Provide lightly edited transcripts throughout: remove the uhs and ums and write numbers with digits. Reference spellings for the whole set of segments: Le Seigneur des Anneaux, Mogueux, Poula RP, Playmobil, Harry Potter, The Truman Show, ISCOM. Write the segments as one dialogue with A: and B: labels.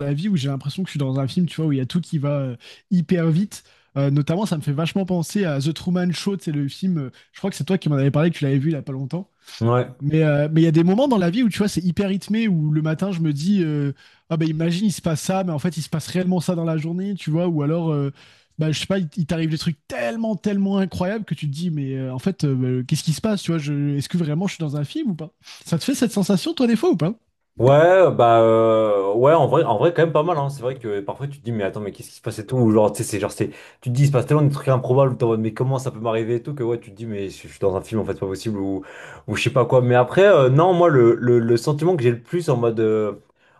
A: La vie où j'ai l'impression que je suis dans un film, tu vois, où il y a tout qui va hyper vite. Notamment, ça me fait vachement penser à The Truman Show, c'est le film, je crois que c'est toi qui m'en avais parlé, que tu l'avais vu il y a pas longtemps.
B: Ouais.
A: Mais il y a des moments dans la vie où, tu vois, c'est hyper rythmé, où le matin, je me dis, ah ben imagine, il se passe ça, mais en fait, il se passe réellement ça dans la journée, tu vois, ou alors, bah, je sais pas, il t'arrive des trucs tellement, tellement incroyables que tu te dis, mais en fait, bah, qu'est-ce qui se passe, tu vois, est-ce que vraiment je suis dans un film ou pas? Ça te fait cette sensation, toi, des fois, ou pas?
B: Ouais, ouais, en vrai, quand même pas mal, hein. C'est vrai que parfois tu te dis, mais attends, mais qu'est-ce qui se passe et tout, ou genre, tu sais, tu te dis, il se passe tellement des trucs improbables, t'es en mode, mais comment ça peut m'arriver et tout, que ouais, tu te dis, mais je suis dans un film, en fait, c'est pas possible, ou je sais pas quoi. Mais après, non, moi, le sentiment que j'ai le plus en mode, euh,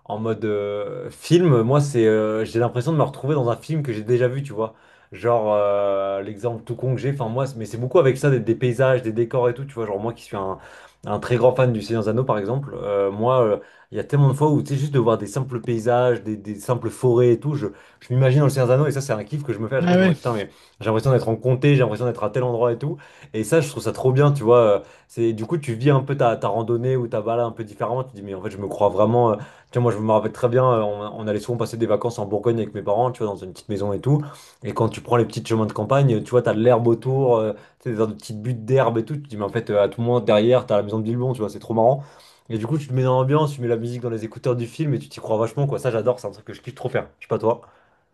B: en mode euh, film, moi, c'est, j'ai l'impression de me retrouver dans un film que j'ai déjà vu, tu vois. Genre, l'exemple tout con que j'ai, enfin, moi, mais c'est beaucoup avec ça, des paysages, des décors et tout, tu vois, genre, moi qui suis un très grand fan du Seigneur des Anneaux, par exemple, moi, il y a tellement de fois où, tu sais, juste de voir des simples paysages, des simples forêts et tout, je m'imagine dans le Seigneur des Anneaux et ça, c'est un kiff que je me fais à chaque fois.
A: Ah
B: Je me
A: ouais.
B: dis, putain, mais j'ai l'impression d'être en comté, j'ai l'impression d'être à tel endroit et tout. Et ça, je trouve ça trop bien, tu vois. C'est, du coup, tu vis un peu ta randonnée ou ta balade un peu différemment. Tu te dis, mais en fait, je me crois vraiment. Tu vois, moi, je me rappelle très bien, on allait souvent passer des vacances en Bourgogne avec mes parents, tu vois, dans une petite maison et tout. Et quand tu prends les petits chemins de campagne, tu vois, t'as de l'herbe autour, tu sais, des petites buttes d'herbe et tout. Tu te dis, mais en fait, à tout moment, derrière, t'as la maison de Bilbon, tu vois, c'est trop marrant. Et du coup, tu te mets dans l'ambiance, tu mets la musique dans les écouteurs du film et tu t'y crois vachement, quoi. Ça, j'adore, c'est un truc que je kiffe trop faire. Je sais pas toi.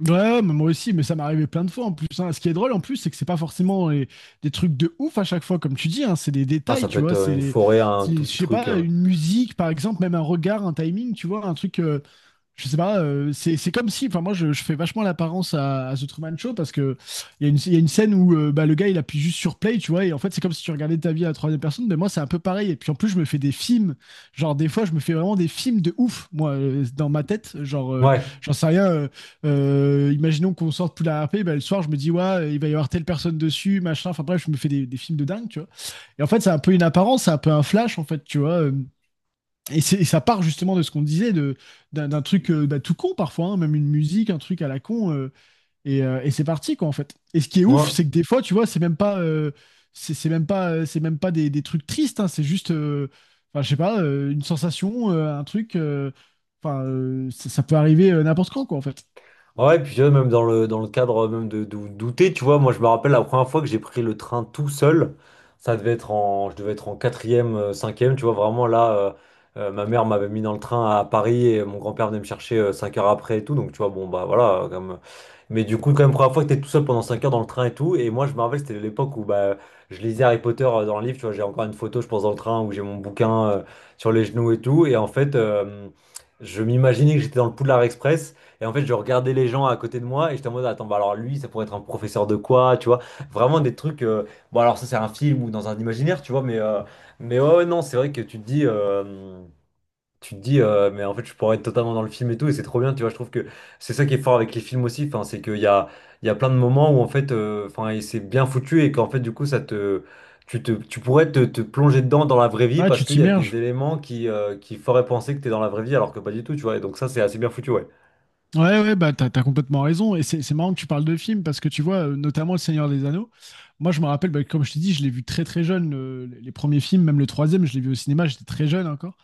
A: Ouais, mais moi aussi, mais ça m'est arrivé plein de fois en plus, hein. Ce qui est drôle en plus, c'est que c'est pas forcément des trucs de ouf à chaque fois, comme tu dis, hein. C'est des
B: Ah,
A: détails,
B: ça peut
A: tu
B: être
A: vois.
B: une forêt, un
A: C'est,
B: tout
A: je
B: petit
A: sais
B: truc.
A: pas, une musique, par exemple, même un regard, un timing, tu vois, un truc. Je sais pas, c'est comme si, enfin moi je fais vachement l'apparence à The Truman Show, parce que il y, a une- il y a une scène où bah, le gars il appuie juste sur play, tu vois, et en fait c'est comme si tu regardais ta vie à la troisième personne, mais moi c'est un peu pareil. Et puis en plus je me fais des films, genre des fois je me fais vraiment des films de ouf, moi, dans ma tête, genre.
B: Ouais,
A: J'en sais rien. Euh, imaginons qu'on sorte pour la RP, bah, le soir je me dis ouais il va y avoir telle personne dessus, machin. Enfin bref je me fais des films de dingue, tu vois. Et en fait c'est un peu une apparence, c'est un peu un flash en fait, tu vois. Et ça part justement de ce qu'on disait, d'un truc, bah, tout con parfois, hein, même une musique, un truc à la con, et c'est parti quoi en fait. Et ce qui est ouf,
B: ouais.
A: c'est que des fois, tu vois, c'est même pas, c'est même pas des trucs tristes, hein, c'est juste, enfin, je sais pas, une sensation, un truc. Ça peut arriver n'importe quand quoi en fait.
B: Ouais, et puis même dans le cadre même de douter, tu vois, moi je me rappelle la première fois que j'ai pris le train tout seul, ça devait être en, je devais être en quatrième, cinquième, tu vois, vraiment là, ma mère m'avait mis dans le train à Paris et mon grand-père venait me chercher 5 heures après et tout, donc tu vois, bon bah voilà, comme... mais du coup quand même première fois que t'es tout seul pendant 5 heures dans le train et tout, et moi je me rappelle c'était l'époque où bah je lisais Harry Potter dans le livre, tu vois, j'ai encore une photo je pense dans le train où j'ai mon bouquin sur les genoux et tout, et en fait je m'imaginais que j'étais dans le Poudlard Express. Et en fait, je regardais les gens à côté de moi et j'étais en mode, attends, bah alors lui, ça pourrait être un professeur de quoi, tu vois? Vraiment des trucs. Bon, alors ça, c'est un film ou dans un imaginaire, tu vois, mais ouais, non, c'est vrai que tu te dis. Tu te dis, mais en fait, je pourrais être totalement dans le film et tout, et c'est trop bien, tu vois. Je trouve que c'est ça qui est fort avec les films aussi, enfin, c'est qu'il y a, il y a plein de moments où, en fait, enfin, et c'est bien foutu, et qu'en fait, du coup, tu te, tu pourrais te, te plonger dedans dans la vraie vie
A: Là,
B: parce
A: tu
B: qu'il y a des
A: t'immerges.
B: éléments qui feraient penser que t'es dans la vraie vie alors que pas du tout, tu vois. Et donc, ça, c'est assez bien foutu, ouais.
A: Ouais, ouais, bah t'as complètement raison. Et c'est marrant que tu parles de films, parce que tu vois, notamment Le Seigneur des Anneaux. Moi, je me rappelle, bah, comme je t'ai dit, je l'ai vu très très jeune. Les premiers films, même le troisième, je l'ai vu au cinéma, j'étais très jeune encore.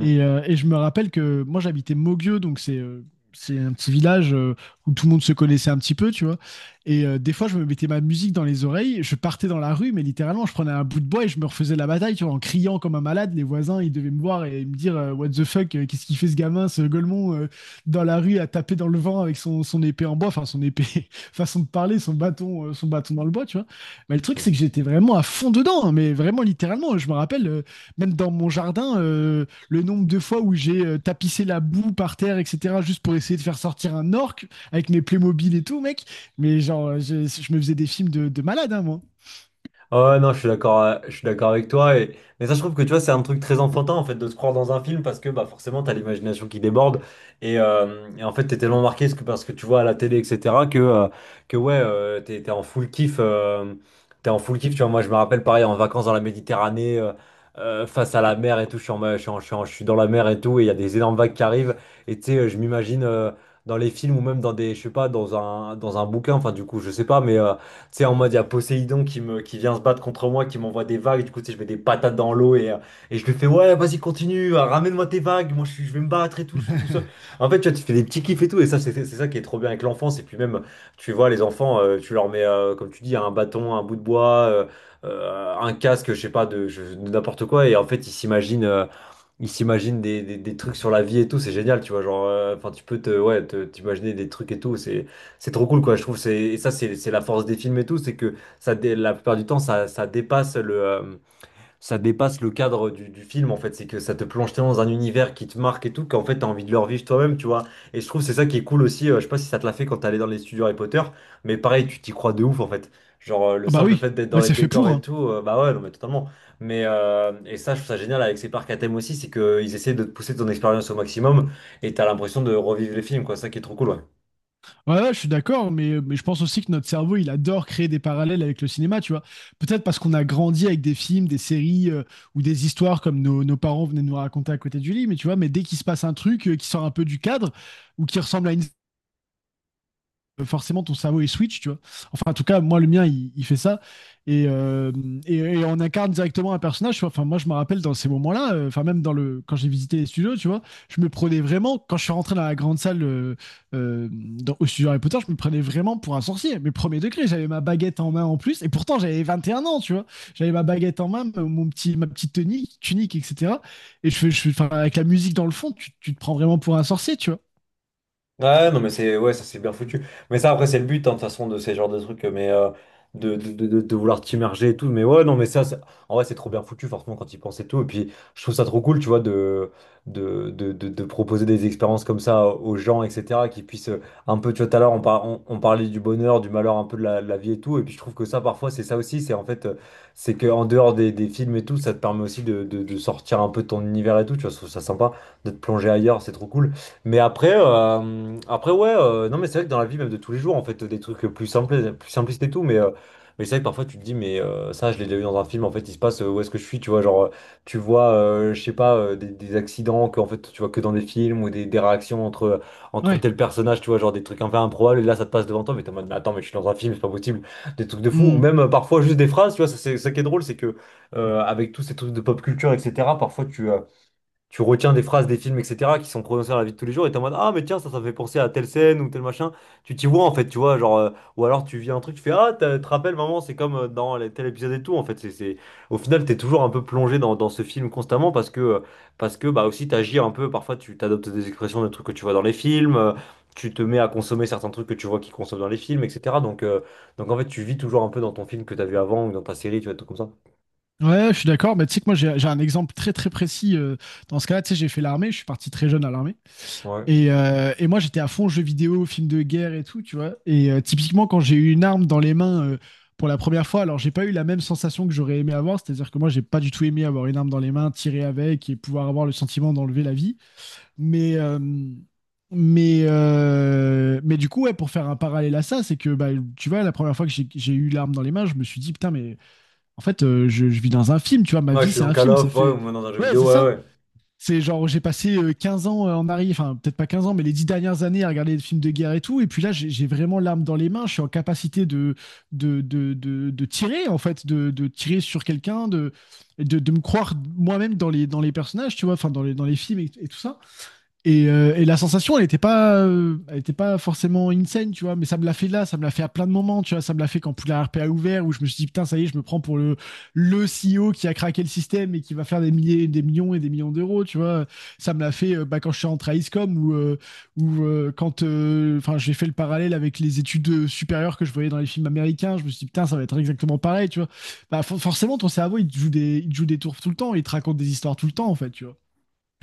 A: Et je me rappelle que moi j'habitais Mogueux, donc c'est un petit village, où tout le monde se connaissait un petit peu, tu vois. Et des fois je me mettais ma musique dans les oreilles, je partais dans la rue, mais littéralement je prenais un bout de bois et je me refaisais la bataille, tu vois, en criant comme un malade. Les voisins ils devaient me voir et me dire, what the fuck, qu'est-ce qu'il fait ce gamin, ce golemon, dans la rue à taper dans le vent avec son épée en bois, enfin son épée, façon de parler, son bâton dans le bois, tu vois. Mais le truc
B: Mm.
A: c'est que j'étais vraiment à fond dedans, hein, mais vraiment littéralement, je me rappelle, même dans mon jardin. Le nombre de fois où j'ai tapissé la boue par terre, etc., juste pour essayer de faire sortir un orc avec mes Playmobil et tout, mec. Mais genre, je me faisais des films de malade, hein, moi.
B: Ah ouais, non, je suis d'accord avec toi. Et... Mais ça, je trouve que tu vois, c'est un truc très enfantin en fait de se croire dans un film parce que bah, forcément, t'as l'imagination qui déborde. Et en fait, t'es tellement marqué parce que tu vois à la télé, etc., que ouais, t'es en full kiff. T'es en full kiff, tu vois. Moi, je me rappelle pareil en vacances dans la Méditerranée, face à la mer et tout. Je suis, en ma- je suis en- je suis en- Je suis dans la mer et tout. Et il y a des énormes vagues qui arrivent. Et tu sais, je m'imagine dans les films ou même dans des, je sais pas, dans un bouquin. Enfin, du coup, je sais pas, mais. Tu sais, en mode, il y a Poséidon qui vient se battre contre moi, qui m'envoie des vagues. Du coup, tu sais, je mets des patates dans l'eau et je lui fais, ouais, vas-y, continue, ramène-moi tes vagues. Moi, je vais me battre et tout, je suis tout seul. En fait, tu vois, tu te fais des petits kiffs et tout. Et ça, c'est ça qui est trop bien avec l'enfance. Et puis même, tu vois, les enfants, tu leur mets, comme tu dis, un bâton, un bout de bois, un casque, je sais pas, de n'importe quoi. Et en fait, ils s'imaginent. Ils s'imaginent des trucs sur la vie et tout, c'est génial, tu vois, genre, enfin, tu peux ouais, t'imaginer des trucs et tout, c'est trop cool, quoi, je trouve, c'est, et ça, c'est la force des films et tout, c'est que ça, la plupart du temps, ça dépasse le cadre du film en fait, c'est que ça te plonge tellement dans un univers qui te marque et tout, qu'en fait t'as envie de le revivre toi-même, tu vois. Et je trouve que c'est ça qui est cool aussi, je sais pas si ça te l'a fait quand t'allais dans les studios Harry Potter, mais pareil, tu t'y crois de ouf en fait. Genre le
A: Ah bah
B: simple
A: oui,
B: fait d'être dans
A: bah
B: les
A: c'est fait
B: décors
A: pour,
B: et
A: hein.
B: tout, bah ouais, non mais totalement. Mais et ça, je trouve ça génial avec ces parcs à thème aussi, c'est qu'ils essaient de te pousser ton expérience au maximum et t'as l'impression de revivre les films, quoi, ça qui est trop cool, ouais.
A: Ouais, ouais, je suis d'accord, mais, mais je pense aussi que notre cerveau, il adore créer des parallèles avec le cinéma, tu vois. Peut-être parce qu'on a grandi avec des films, des séries, ou des histoires comme nos parents venaient nous raconter à côté du lit, mais tu vois, mais dès qu'il se passe un truc qui sort un peu du cadre ou qui ressemble à une, forcément ton cerveau il switch, tu vois. Enfin, en tout cas, moi, le mien, il fait ça. Et, euh, et on incarne directement un personnage, tu vois. Enfin, moi, je me rappelle dans ces moments-là, enfin, même dans quand j'ai visité les studios, tu vois, je me prenais vraiment, quand je suis rentré dans la grande salle, au studio Harry Potter, je me prenais vraiment pour un sorcier. Mais premier degré, j'avais ma baguette en main en plus. Et pourtant, j'avais 21 ans, tu vois. J'avais ma baguette en main, ma petite tunique, etc. Et enfin, avec la musique dans le fond, tu te prends vraiment pour un sorcier, tu vois.
B: Ouais, non, mais c'est ouais, ça c'est bien foutu. Mais ça, après, c'est le but, hein, de toute façon, de ces genres de trucs, mais de vouloir t'immerger et tout. Mais ouais, non, mais en vrai, c'est trop bien foutu, forcément, quand ils pensent et tout. Et puis, je trouve ça trop cool, tu vois, de proposer des expériences comme ça aux gens, etc., qui puissent un peu, tu vois, tout à l'heure, on parlait du bonheur, du malheur, un peu de la vie et tout. Et puis, je trouve que ça, parfois, c'est ça aussi. C'est en fait, c'est que en dehors des films et tout, ça te permet aussi de sortir un peu de ton univers et tout. Tu vois, je trouve ça sympa de te plonger ailleurs, c'est trop cool. Mais après, après ouais, non mais c'est vrai que dans la vie même de tous les jours, en fait, des trucs plus simples, plus simplistes et tout, mais c'est vrai que parfois tu te dis, mais ça, je l'ai déjà vu dans un film, en fait, il se passe où est-ce que je suis, tu vois, genre, je sais pas, des accidents que, en fait, tu vois que dans des films ou des réactions entre, entre
A: Ouais.
B: tel personnage, tu vois, genre des trucs un peu improbables, et là, ça te passe devant toi, mais t'es en mode, mais attends, mais je suis dans un film, c'est pas possible, des trucs de fou, ou
A: Mm.
B: même parfois juste des phrases, tu vois, ça, c'est ça qui est drôle, c'est que avec tous ces trucs de pop culture, etc., parfois tu retiens des phrases des films, etc., qui sont prononcées dans la vie de tous les jours, et t'es en mode, ah, mais tiens, ça me fait penser à telle scène ou tel machin. Tu t'y vois, en fait, tu vois, genre, ou alors tu vis un truc, tu fais, ah, te rappelles, maman, c'est comme dans tel épisode et tout, en fait. C'est... Au final, t'es toujours un peu plongé dans, dans ce film constamment parce que, bah, aussi, t'agis un peu, parfois, tu t'adoptes des expressions de trucs que tu vois dans les films, tu te mets à consommer certains trucs que tu vois qu'ils consomment dans les films, etc. Donc, en fait, tu vis toujours un peu dans ton film que t'as vu avant ou dans ta série, tu vois, tout comme ça.
A: Ouais, je suis d'accord, mais tu sais que moi j'ai un exemple très très précis, dans ce cas-là, tu sais, j'ai fait l'armée, je suis parti très jeune à l'armée,
B: Ouais.
A: et moi j'étais à fond jeux vidéo, films de guerre et tout, tu vois, et typiquement quand j'ai eu une arme dans les mains, pour la première fois, alors j'ai pas eu la même sensation que j'aurais aimé avoir, c'est-à-dire que moi j'ai pas du tout aimé avoir une arme dans les mains, tirer avec et pouvoir avoir le sentiment d'enlever la vie, mais... euh, mais du coup, ouais, pour faire un parallèle à ça, c'est que bah, tu vois, la première fois que j'ai eu l'arme dans les mains, je me suis dit, putain, mais en fait, je vis dans un film, tu vois, ma
B: Ouais, je
A: vie,
B: suis
A: c'est
B: dans
A: un
B: Call
A: film. Ça
B: of, ouais, ou
A: fait.
B: même dans un jeu
A: Ouais, c'est
B: vidéo, ouais,
A: ça.
B: ouais.
A: C'est genre, j'ai passé, 15 ans, en arrière, enfin, peut-être pas 15 ans, mais les 10 dernières années à regarder des films de guerre et tout. Et puis là, j'ai vraiment l'arme dans les mains. Je suis en capacité de tirer, en fait, de tirer sur quelqu'un, de me croire moi-même dans les personnages, tu vois, enfin, dans les films et tout ça. Et la sensation, elle était pas forcément insane, tu vois, mais ça me l'a fait là, ça me l'a fait à plein de moments, tu vois, ça me l'a fait quand Poula RP a ouvert, où je me suis dit, putain, ça y est, je me prends pour le CEO qui a craqué le système et qui va faire des milliers, des millions et des millions d'euros, tu vois. Ça me l'a fait, bah, quand je suis rentré à ISCOM, ou quand enfin, j'ai fait le parallèle avec les études supérieures que je voyais dans les films américains, je me suis dit, putain, ça va être exactement pareil, tu vois. Bah, forcément, ton cerveau, il te joue des tours tout le temps, il te raconte des histoires tout le temps, en fait, tu vois.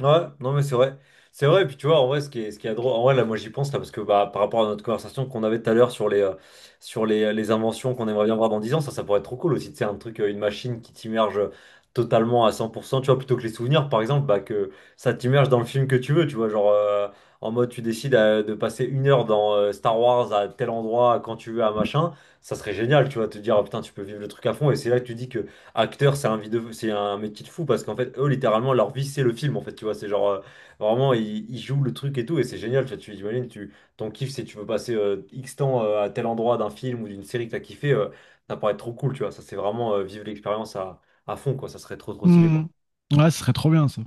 B: Ouais, non mais c'est vrai. C'est vrai, et puis tu vois, en vrai, ce qui est drôle, en vrai, là, moi j'y pense, là, parce que bah, par rapport à notre conversation qu'on avait tout à l'heure sur les, les inventions qu'on aimerait bien voir dans 10 ans, ça, ça pourrait être trop cool aussi, tu sais, un truc, une machine qui t'immerge totalement à 100%, tu vois, plutôt que les souvenirs, par exemple, bah, que ça t'immerge dans le film que tu veux, tu vois, genre, en mode, tu décides de passer 1 heure dans Star Wars à tel endroit, quand tu veux, à machin, ça serait génial, tu vois, te dire, ah, putain, tu peux vivre le truc à fond, et c'est là que tu dis que acteur, c'est un vidéo, c'est un métier de fou parce qu'en fait, eux, littéralement, leur vie, c'est le film. En fait, tu vois, c'est genre vraiment, ils jouent le truc et tout, et c'est génial. Tu vois, tu imagines, tu, ton kiff, c'est tu veux passer X temps à tel endroit d'un film ou d'une série que t'as kiffé, ça paraît trop cool, tu vois. Ça, c'est vraiment vivre l'expérience à fond, quoi. Ça serait trop, trop stylé,
A: Hmm.
B: quoi.
A: Ouais, ce serait trop bien ça.